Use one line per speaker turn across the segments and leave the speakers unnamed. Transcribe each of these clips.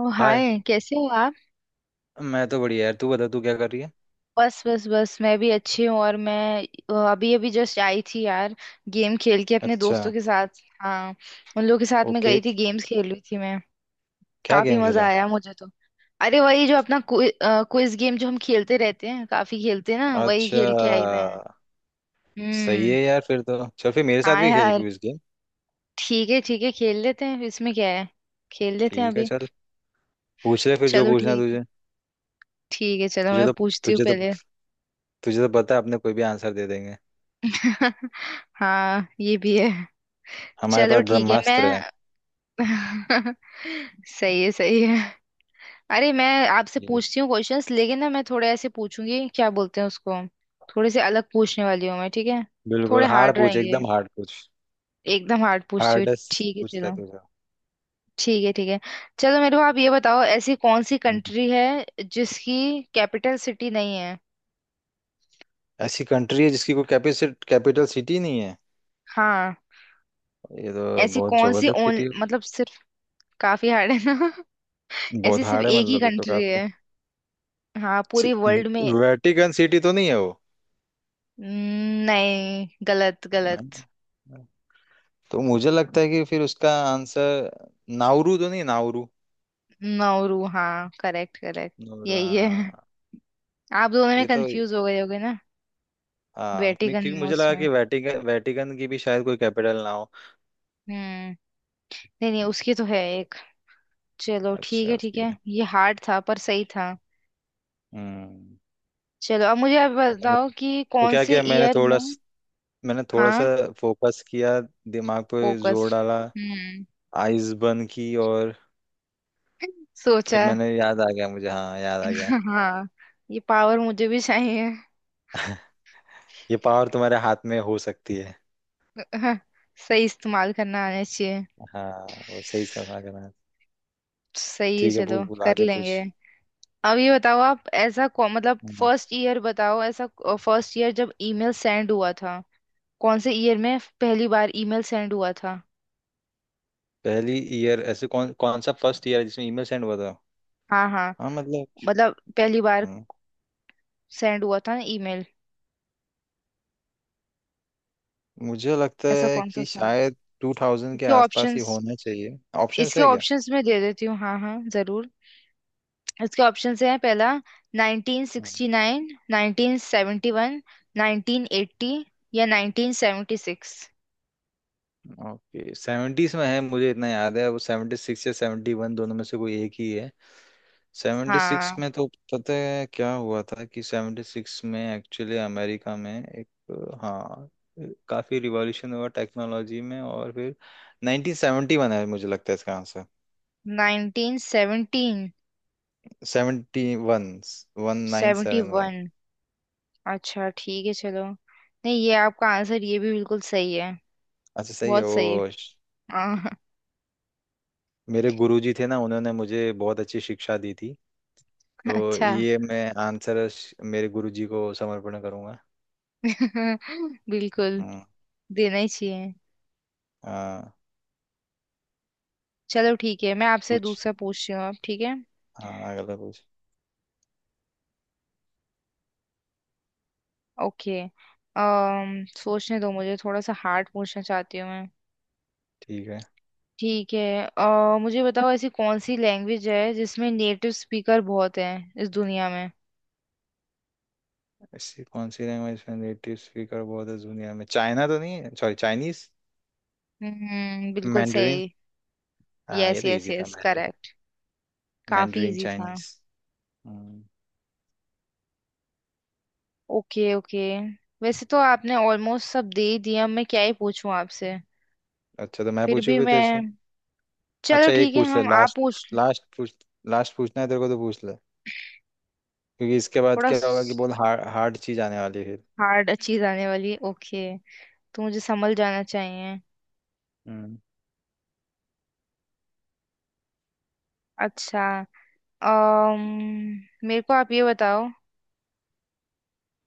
ओ
hi.
Hi, कैसे हो आप?
मैं तो बढ़िया यार, तू बता तू क्या कर रही है।
बस बस बस, मैं भी अच्छी हूँ। और मैं अभी अभी जस्ट आई थी यार। गेम खेल के अपने
अच्छा।
दोस्तों के साथ। हाँ, उन लोगों के साथ मैं गई
ओके।
थी, गेम्स खेल रही थी मैं।
क्या
काफी
गेम
मजा
खेला?
आया मुझे तो। अरे, वही जो अपना क्विज गेम जो हम खेलते रहते हैं, काफी खेलते हैं ना, वही
अच्छा,
खेल के आई मैं।
सही
हम्म।
है यार, फिर तो चल फिर मेरे साथ
हाँ
भी खेल
यार।
Quiz game.
ठीक है ठीक है, खेल लेते हैं, इसमें क्या है। खेल लेते हैं
ठीक है
अभी।
चल, पूछ ले फिर जो
चलो
पूछना है
ठीक है।
तुझे।
ठीक है चलो,
तुझे
मैं
तो
पूछती हूँ
तुझे तो
पहले।
तुझे तो पता है अपने कोई भी आंसर दे देंगे,
हाँ, ये भी है।
हमारे
चलो
पास
ठीक है
ब्रह्मास्त्र है।
मैं। सही है सही है। अरे, मैं आपसे
बिल्कुल।
पूछती हूँ क्वेश्चंस लेकिन ना, मैं थोड़े ऐसे पूछूंगी, क्या बोलते हैं उसको, थोड़े से अलग पूछने वाली हूँ मैं, ठीक है।
बिल्कुल
थोड़े
हार्ड
हार्ड
पूछ,
रहेंगे।
एकदम हार्ड पूछ,
एकदम हार्ड पूछती हूँ।
हार्डेस्ट
ठीक है
पूछ ले
चलो।
तुझे।
ठीक है ठीक है। चलो मेरे को आप ये बताओ, ऐसी कौन सी
हम्म।
कंट्री है जिसकी कैपिटल सिटी नहीं है?
ऐसी कंट्री है जिसकी कोई कैपिटल कैपिटल सिटी नहीं है?
हाँ।
ये तो
ऐसी
बहुत
कौन सी
जबरदस्त
ओन,
सिटी है।
मतलब सिर्फ। काफी हार्ड है ना।
बहुत
ऐसी सिर्फ
हार्ड है
एक ही
मतलब ये तो
कंट्री
काफी।
है। हाँ, पूरी
च-
वर्ल्ड में।
वेटिकन सिटी तो नहीं है वो?
नहीं, गलत गलत।
नहीं तो मुझे लगता है कि फिर उसका आंसर नाउरू तो नहीं, नाउरू।
नौरू, हाँ, करेक्ट करेक्ट।
नाउरू
यही
हाँ।
है। आप दोनों में
ये तो
कंफ्यूज हो गए होगे ना।
हाँ,
वेटिकन
क्योंकि
में,
मुझे लगा
उसमें।
कि वेटिकन वेटिकन की भी शायद कोई कैपिटल ना हो।
हम्म। नहीं नहीं, उसकी तो है एक। चलो ठीक
अच्छा,
है ठीक
उसकी
है,
है।
ये हार्ड था पर सही था।
हम्म।
चलो, अब मुझे आप
और मैंने
बताओ कि
तो
कौन
क्या
से
किया, मैंने
ईयर में।
मैंने थोड़ा सा
हाँ।
फोकस किया, दिमाग पे
फोकस।
जोर डाला,
हम्म।
आइज बंद की, और फिर
सोचा।
मैंने, याद आ गया मुझे, हाँ याद आ गया।
हाँ। ये पावर मुझे भी चाहिए।
ये पावर तुम्हारे हाथ में हो सकती है।
सही इस्तेमाल करना आना चाहिए।
हाँ वो सही समझ रहा है।
सही है,
ठीक है,
चलो
भूल भूल
कर
आगे पूछ।
लेंगे। अब ये बताओ आप, ऐसा मतलब
हम्म,
फर्स्ट ईयर बताओ ऐसा। फर्स्ट ईयर जब ईमेल सेंड हुआ था। कौन से ईयर में पहली बार ईमेल सेंड हुआ था?
पहली ईयर, ऐसे कौन कौन सा फर्स्ट ईयर है जिसमें ईमेल सेंड हुआ था?
हाँ हाँ,
हाँ मतलब।
मतलब पहली बार
हम्म,
सेंड हुआ था ना ईमेल।
मुझे लगता
ऐसा
है
कौन सा
कि
साल।
शायद टू थाउजेंड के
इसके
आसपास ही
ऑप्शंस।
होना चाहिए। ऑप्शंस
इसके
है क्या?
ऑप्शंस मैं दे देती हूँ, हाँ हाँ जरूर। इसके ऑप्शंस हैं, पहला
हम्म।
1969, 1971, 1980 या 1976।
ओके, सेवेंटीज में है मुझे इतना याद है, वो सेवेंटी सिक्स या सेवेंटी वन दोनों में से कोई एक ही है। सेवेंटी सिक्स
हाँ,
में तो पता है क्या हुआ था, कि सेवेंटी सिक्स में एक्चुअली अमेरिका में एक हाँ, काफी रिवॉल्यूशन हुआ टेक्नोलॉजी में, और फिर 1971 है मुझे लगता है इसका आंसर।
1917?
71, 1971।
71? अच्छा ठीक है चलो। नहीं, ये आपका आंसर ये भी बिल्कुल सही है।
अच्छा सही है
बहुत
वो।
सही। हाँ।
मेरे गुरुजी थे ना, उन्होंने मुझे बहुत अच्छी शिक्षा दी थी, तो
अच्छा।
ये मैं आंसर मेरे गुरुजी को समर्पण करूंगा।
बिल्कुल।
हम्म,
देना ही चाहिए।
हाँ
चलो ठीक है, मैं आपसे
पूछ,
दूसरा पूछती हूँ अब, ठीक है।
हाँ अगला पूछ।
ओके। अम सोचने दो मुझे, थोड़ा सा हार्ड पूछना चाहती हूँ मैं।
ठीक है।
ठीक है, मुझे बताओ, ऐसी कौन सी लैंग्वेज है जिसमें नेटिव स्पीकर बहुत हैं इस दुनिया में?
ऐसी कौन सी लैंग्वेज में नेटिव स्पीकर बहुत है दुनिया में? चाइना तो नहीं है, सॉरी, चाइनीज,
हम्म, बिल्कुल
मैंडरीन।
सही।
हाँ ये
यस
तो
यस
इजी था,
यस,
मैंडरीन,
करेक्ट। काफी
मैंडरीन
इजी था।
चाइनीज। हम्म,
ओके ओके। वैसे तो आपने ऑलमोस्ट सब दे ही दिया, मैं क्या ही पूछूं आपसे।
अच्छा तो मैं
फिर
पूछू
भी
फिर
मैं।
तेरे से।
चलो
अच्छा एक
ठीक है,
पूछ ले
हम, आप
लास्ट,
पूछ।
लास्ट पूछ, लास्ट पूछना है तेरे को तो पूछ ले, क्योंकि इसके बाद
थोड़ा
क्या होगा कि बहुत हार्ड हार्ड चीज आने वाली है फिर।
हार्ड चीज आने वाली है, ओके। तो मुझे संभल जाना चाहिए।
हम्म।
अच्छा। मेरे को आप ये बताओ,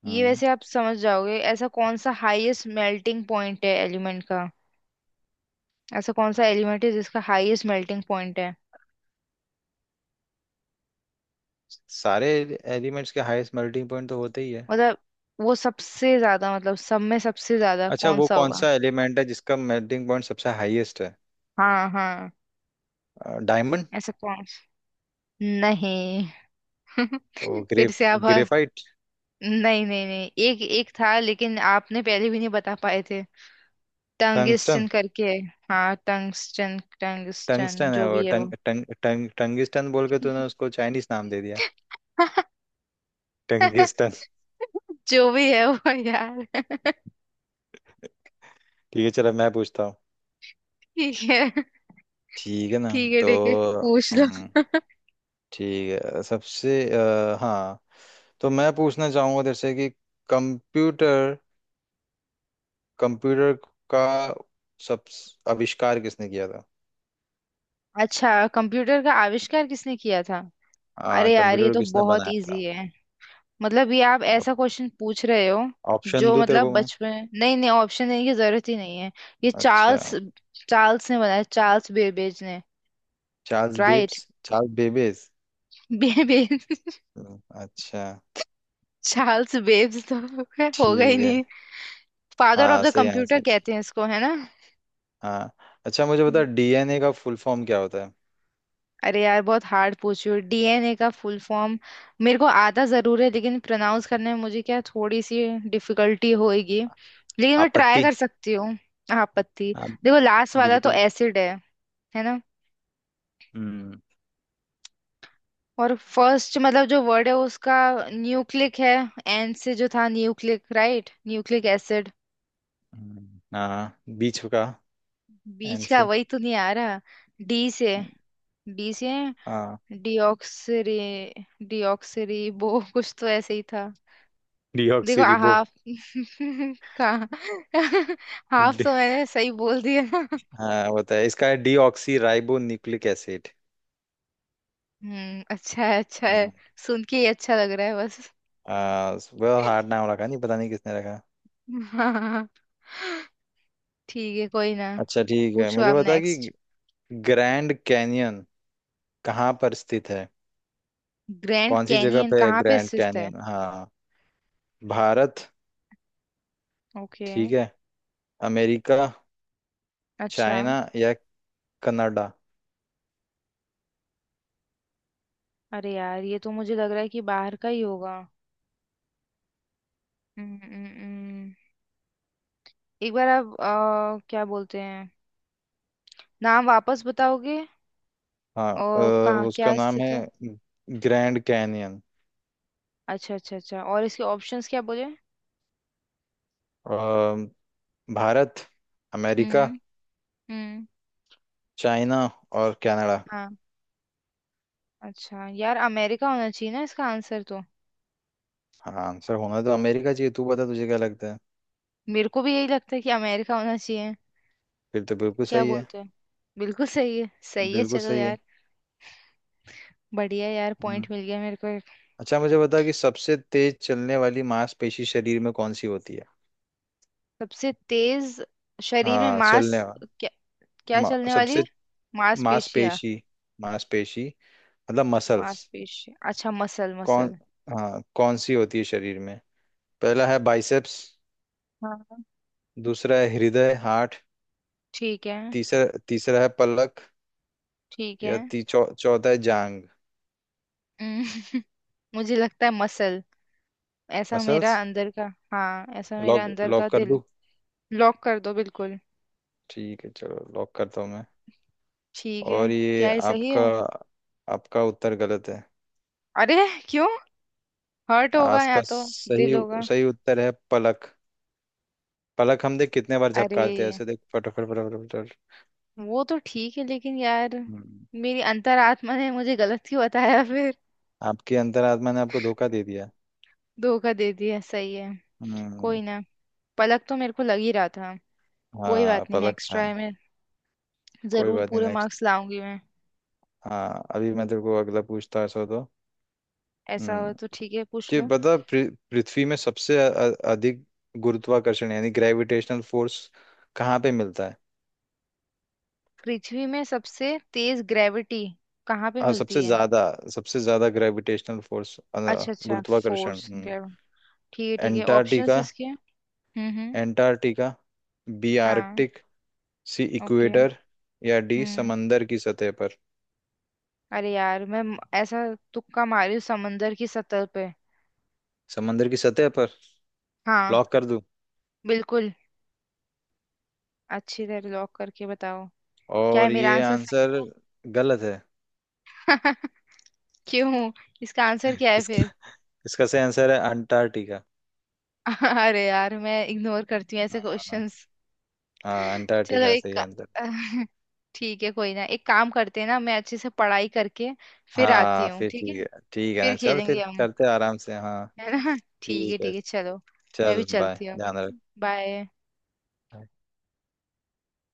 ये
हम्म।
वैसे आप समझ जाओगे, ऐसा कौन सा हाईएस्ट मेल्टिंग पॉइंट है एलिमेंट का? ऐसा कौन सा एलिमेंट है जिसका हाईएस्ट मेल्टिंग पॉइंट है,
सारे एलिमेंट्स के हाईएस्ट मेल्टिंग पॉइंट तो होते ही है।
मतलब वो सबसे ज्यादा, मतलब सब में सबसे ज्यादा
अच्छा
कौन
वो
सा
कौन
होगा?
सा एलिमेंट है जिसका मेल्टिंग पॉइंट सबसे हाईएस्ट है?
हाँ हाँ।
डायमंड,
ऐसा कौन। नहीं।
और
फिर से आप?
ग्रेफाइट।
नहीं नहीं नहीं, एक एक था लेकिन आपने पहले भी नहीं बता पाए थे।
टंगस्टन,
टंगिस्टन करके है। हाँ टंगस्टन, टंगस्टन
टंगस्टन
जो
है वो,
भी है
टंग
वो।
टंग टंग टंगिस्टन बोल के तूने उसको चाइनीस नाम दे दिया। टंगिस्टन।
जो भी है वो यार।
ठीक है चलो मैं पूछता हूँ,
ठीक है
ठीक है ना।
ठीक है।
तो,
ठीक है, पूछ लो।
हम, ठीक है सबसे हाँ, तो मैं पूछना चाहूंगा तेरे से कि कंप्यूटर, कंप्यूटर का सब आविष्कार किसने किया था?
अच्छा, कंप्यूटर का आविष्कार किसने किया था? अरे यार, ये
कंप्यूटर
तो
किसने
बहुत
बनाया था?
इजी है। मतलब ये आप ऐसा क्वेश्चन पूछ रहे हो?
ऑप्शन
जो
दूं तेरे
मतलब
को मैं?
बचपन, नहीं नहीं, ऑप्शन देने की जरूरत ही नहीं है। ये
अच्छा,
चार्ल्स, चार्ल्स ने बनाया, चार्ल्स बेबेज ने। राइट।
Charles Babbage.
बेबेज।
अच्छा,
चार्ल्स बेब्स तो खैर होगा ही
ठीक है,
नहीं। फादर ऑफ
हाँ
द
सही
कंप्यूटर
आंसर,
कहते हैं इसको, है ना।
हाँ। अच्छा मुझे बता,
हम्म।
डीएनए का फुल फॉर्म क्या होता है?
अरे यार, बहुत हार्ड पूछी हो, डीएनए का फुल फॉर्म। मेरे को आता जरूर है, लेकिन प्रोनाउंस करने में मुझे क्या, थोड़ी सी डिफिकल्टी होएगी। लेकिन मैं ट्राई
आपत्ति।
कर सकती हूँ। आपत्ति।
हाँ।
देखो, लास्ट वाला तो
बिल्कुल।
एसिड है ना।
हम्म।
और फर्स्ट, मतलब जो वर्ड है उसका, न्यूक्लिक है। एन से जो था, न्यूक्लिक, राइट, न्यूक्लिक एसिड।
हाँ बीच का,
बीच
एन
का
से।
वही तो नहीं आ रहा। डी से, डी से।
हाँ,
डिऑक्सरी। वो कुछ तो ऐसे ही था। देखो,
डीऑक्सी रिबो,
हाफ। कहाँ। हाफ
डी,
तो मैंने सही बोल दिया।
हाँ होता है इसका है डीऑक्सी राइबो न्यूक्लिक एसिड।
हम्म, अच्छा है अच्छा है।
हम्म,
सुन के ही अच्छा लग रहा है बस।
बहुत हार्ड नाम रखा, नहीं पता नहीं किसने रखा।
हाँ। ठीक है, कोई ना।
अच्छा ठीक है
पूछो
मुझे
आप
बता कि
नेक्स्ट।
ग्रैंड कैनियन कहाँ पर स्थित है?
ग्रैंड
कौन सी जगह
कैनियन
पे है
कहाँ पे
ग्रैंड
स्थित है?
कैनियन? हाँ, भारत,
ओके।
ठीक है, अमेरिका,
अच्छा।
चाइना, या कनाडा।
अरे यार, ये तो मुझे लग रहा है कि बाहर का ही होगा। हम्म, हम्म, हम्म। एक बार आप, क्या बोलते हैं, नाम वापस बताओगे,
हाँ,
और कहाँ
उसका
क्या
नाम
स्थित
है
है।
Grand canyon.
अच्छा अच्छा अच्छा, और इसके ऑप्शंस क्या बोले।
अ, भारत, अमेरिका,
हम्म। हम्म।
चाइना और कनाडा।
हाँ। अच्छा यार, अमेरिका होना चाहिए ना इसका आंसर तो।
हाँ, आंसर होना तो अमेरिका चाहिए, तू बता तुझे क्या लगता है?
मेरे को भी यही लगता है कि अमेरिका होना चाहिए।
फिर तो बिल्कुल
क्या
सही है,
बोलते हैं, बिल्कुल सही है, सही है
बिल्कुल
चलो
सही है।
यार। बढ़िया यार,
हम्म।
पॉइंट मिल गया मेरे को एक।
अच्छा मुझे बता कि सबसे तेज चलने वाली मांसपेशी शरीर में कौन सी होती है?
सबसे तेज शरीर में
हाँ
मांस। क्या चलने वाली?
सबसे
मांसपेशियां।
मांसपेशी, मांसपेशी मतलब मसल्स,
मांसपेशियां, अच्छा, मसल
कौन,
मसल।
हाँ कौन सी होती है शरीर में? पहला है बाइसेप्स,
हाँ।
दूसरा है हृदय हार्ट,
ठीक है
तीसरा तीसरा है पलक,
ठीक है।
या चौथा है जांग।
हम्म, मुझे लगता है मसल। ऐसा मेरा
मसल्स?
अंदर का। हाँ, ऐसा मेरा
लॉक,
अंदर का
लॉक कर
दिल।
दूं?
लॉक कर दो बिल्कुल।
ठीक है चलो लॉक करता हूँ मैं,
ठीक है।
और ये
क्या ये सही
आपका,
है?
आपका उत्तर गलत है।
अरे, क्यों? हर्ट होगा
आज
या
का
तो,
सही,
दिल होगा।
सही उत्तर है पलक। पलक हम देख कितने बार
अरे
झपकाते हैं, ऐसे देख फटाफट फटाफट फटाफट।
वो तो ठीक है, लेकिन यार,
हम्म,
मेरी अंतरात्मा ने मुझे गलत क्यों बताया फिर?
आपकी अंतरात्मा ने आपको धोखा दे दिया।
धोखा दे दिया, सही है।
हम्म,
कोई ना। पलक तो मेरे को लग ही रहा था। कोई
हाँ
बात नहीं,
पलक
नेक्स्ट
था।
ट्राई में
कोई
जरूर
बात नहीं,
पूरे
नेक्स्ट।
मार्क्स लाऊंगी मैं।
हाँ अभी मैं तेरे को अगला पूछता, ऐसा तो।
ऐसा हो
हम्म।
तो ठीक है, पूछ
कि
लो।
पता, पृथ्वी में सबसे अधिक गुरुत्वाकर्षण यानी ग्रेविटेशनल फोर्स कहाँ पे मिलता है?
पृथ्वी में सबसे तेज ग्रेविटी कहाँ पे
और
मिलती
सबसे
है?
ज्यादा, सबसे ज्यादा ग्रेविटेशनल फोर्स,
अच्छा अच्छा।
गुरुत्वाकर्षण।
फोर्स, ग्रेविटी, ठीक है ठीक है, ऑप्शंस
एंटार्क्टिका,
इसके। हम्म। हम्म।
एंटार्क्टिका बी,
हाँ।
Arctic C,
okay.
इक्वेटर, या डी
हम्म।
समंदर की सतह पर।
अरे यार, मैं ऐसा, तुक्का मारी हूँ, समंदर की सतह पे।
समंदर की सतह पर?
हाँ।
लॉक कर दूं?
बिल्कुल। अच्छी तरह लॉक करके बताओ। क्या है
और
मेरा
ये
आंसर, सही
आंसर गलत है।
है? क्यों? इसका आंसर क्या है फिर?
इसका इसका सही आंसर है अंटार्कटिका।
अरे यार, मैं इग्नोर करती हूँ ऐसे
हाँ,
क्वेश्चंस।
हाँ,
चलो,
अंटार्कटिका सही आंसर।
ठीक है, कोई ना, एक काम करते हैं ना, मैं अच्छे से पढ़ाई करके फिर आती
हाँ
हूँ,
फिर
ठीक
ठीक
है।
है, ठीक है
फिर
ना, चल फिर
खेलेंगे हम, है
करते हैं आराम से, हाँ
ना।
ठीक है,
ठीक है चलो। मैं भी
चल बाय,
चलती हूँ,
ध्यान
ठीक है।
रख।
बाय।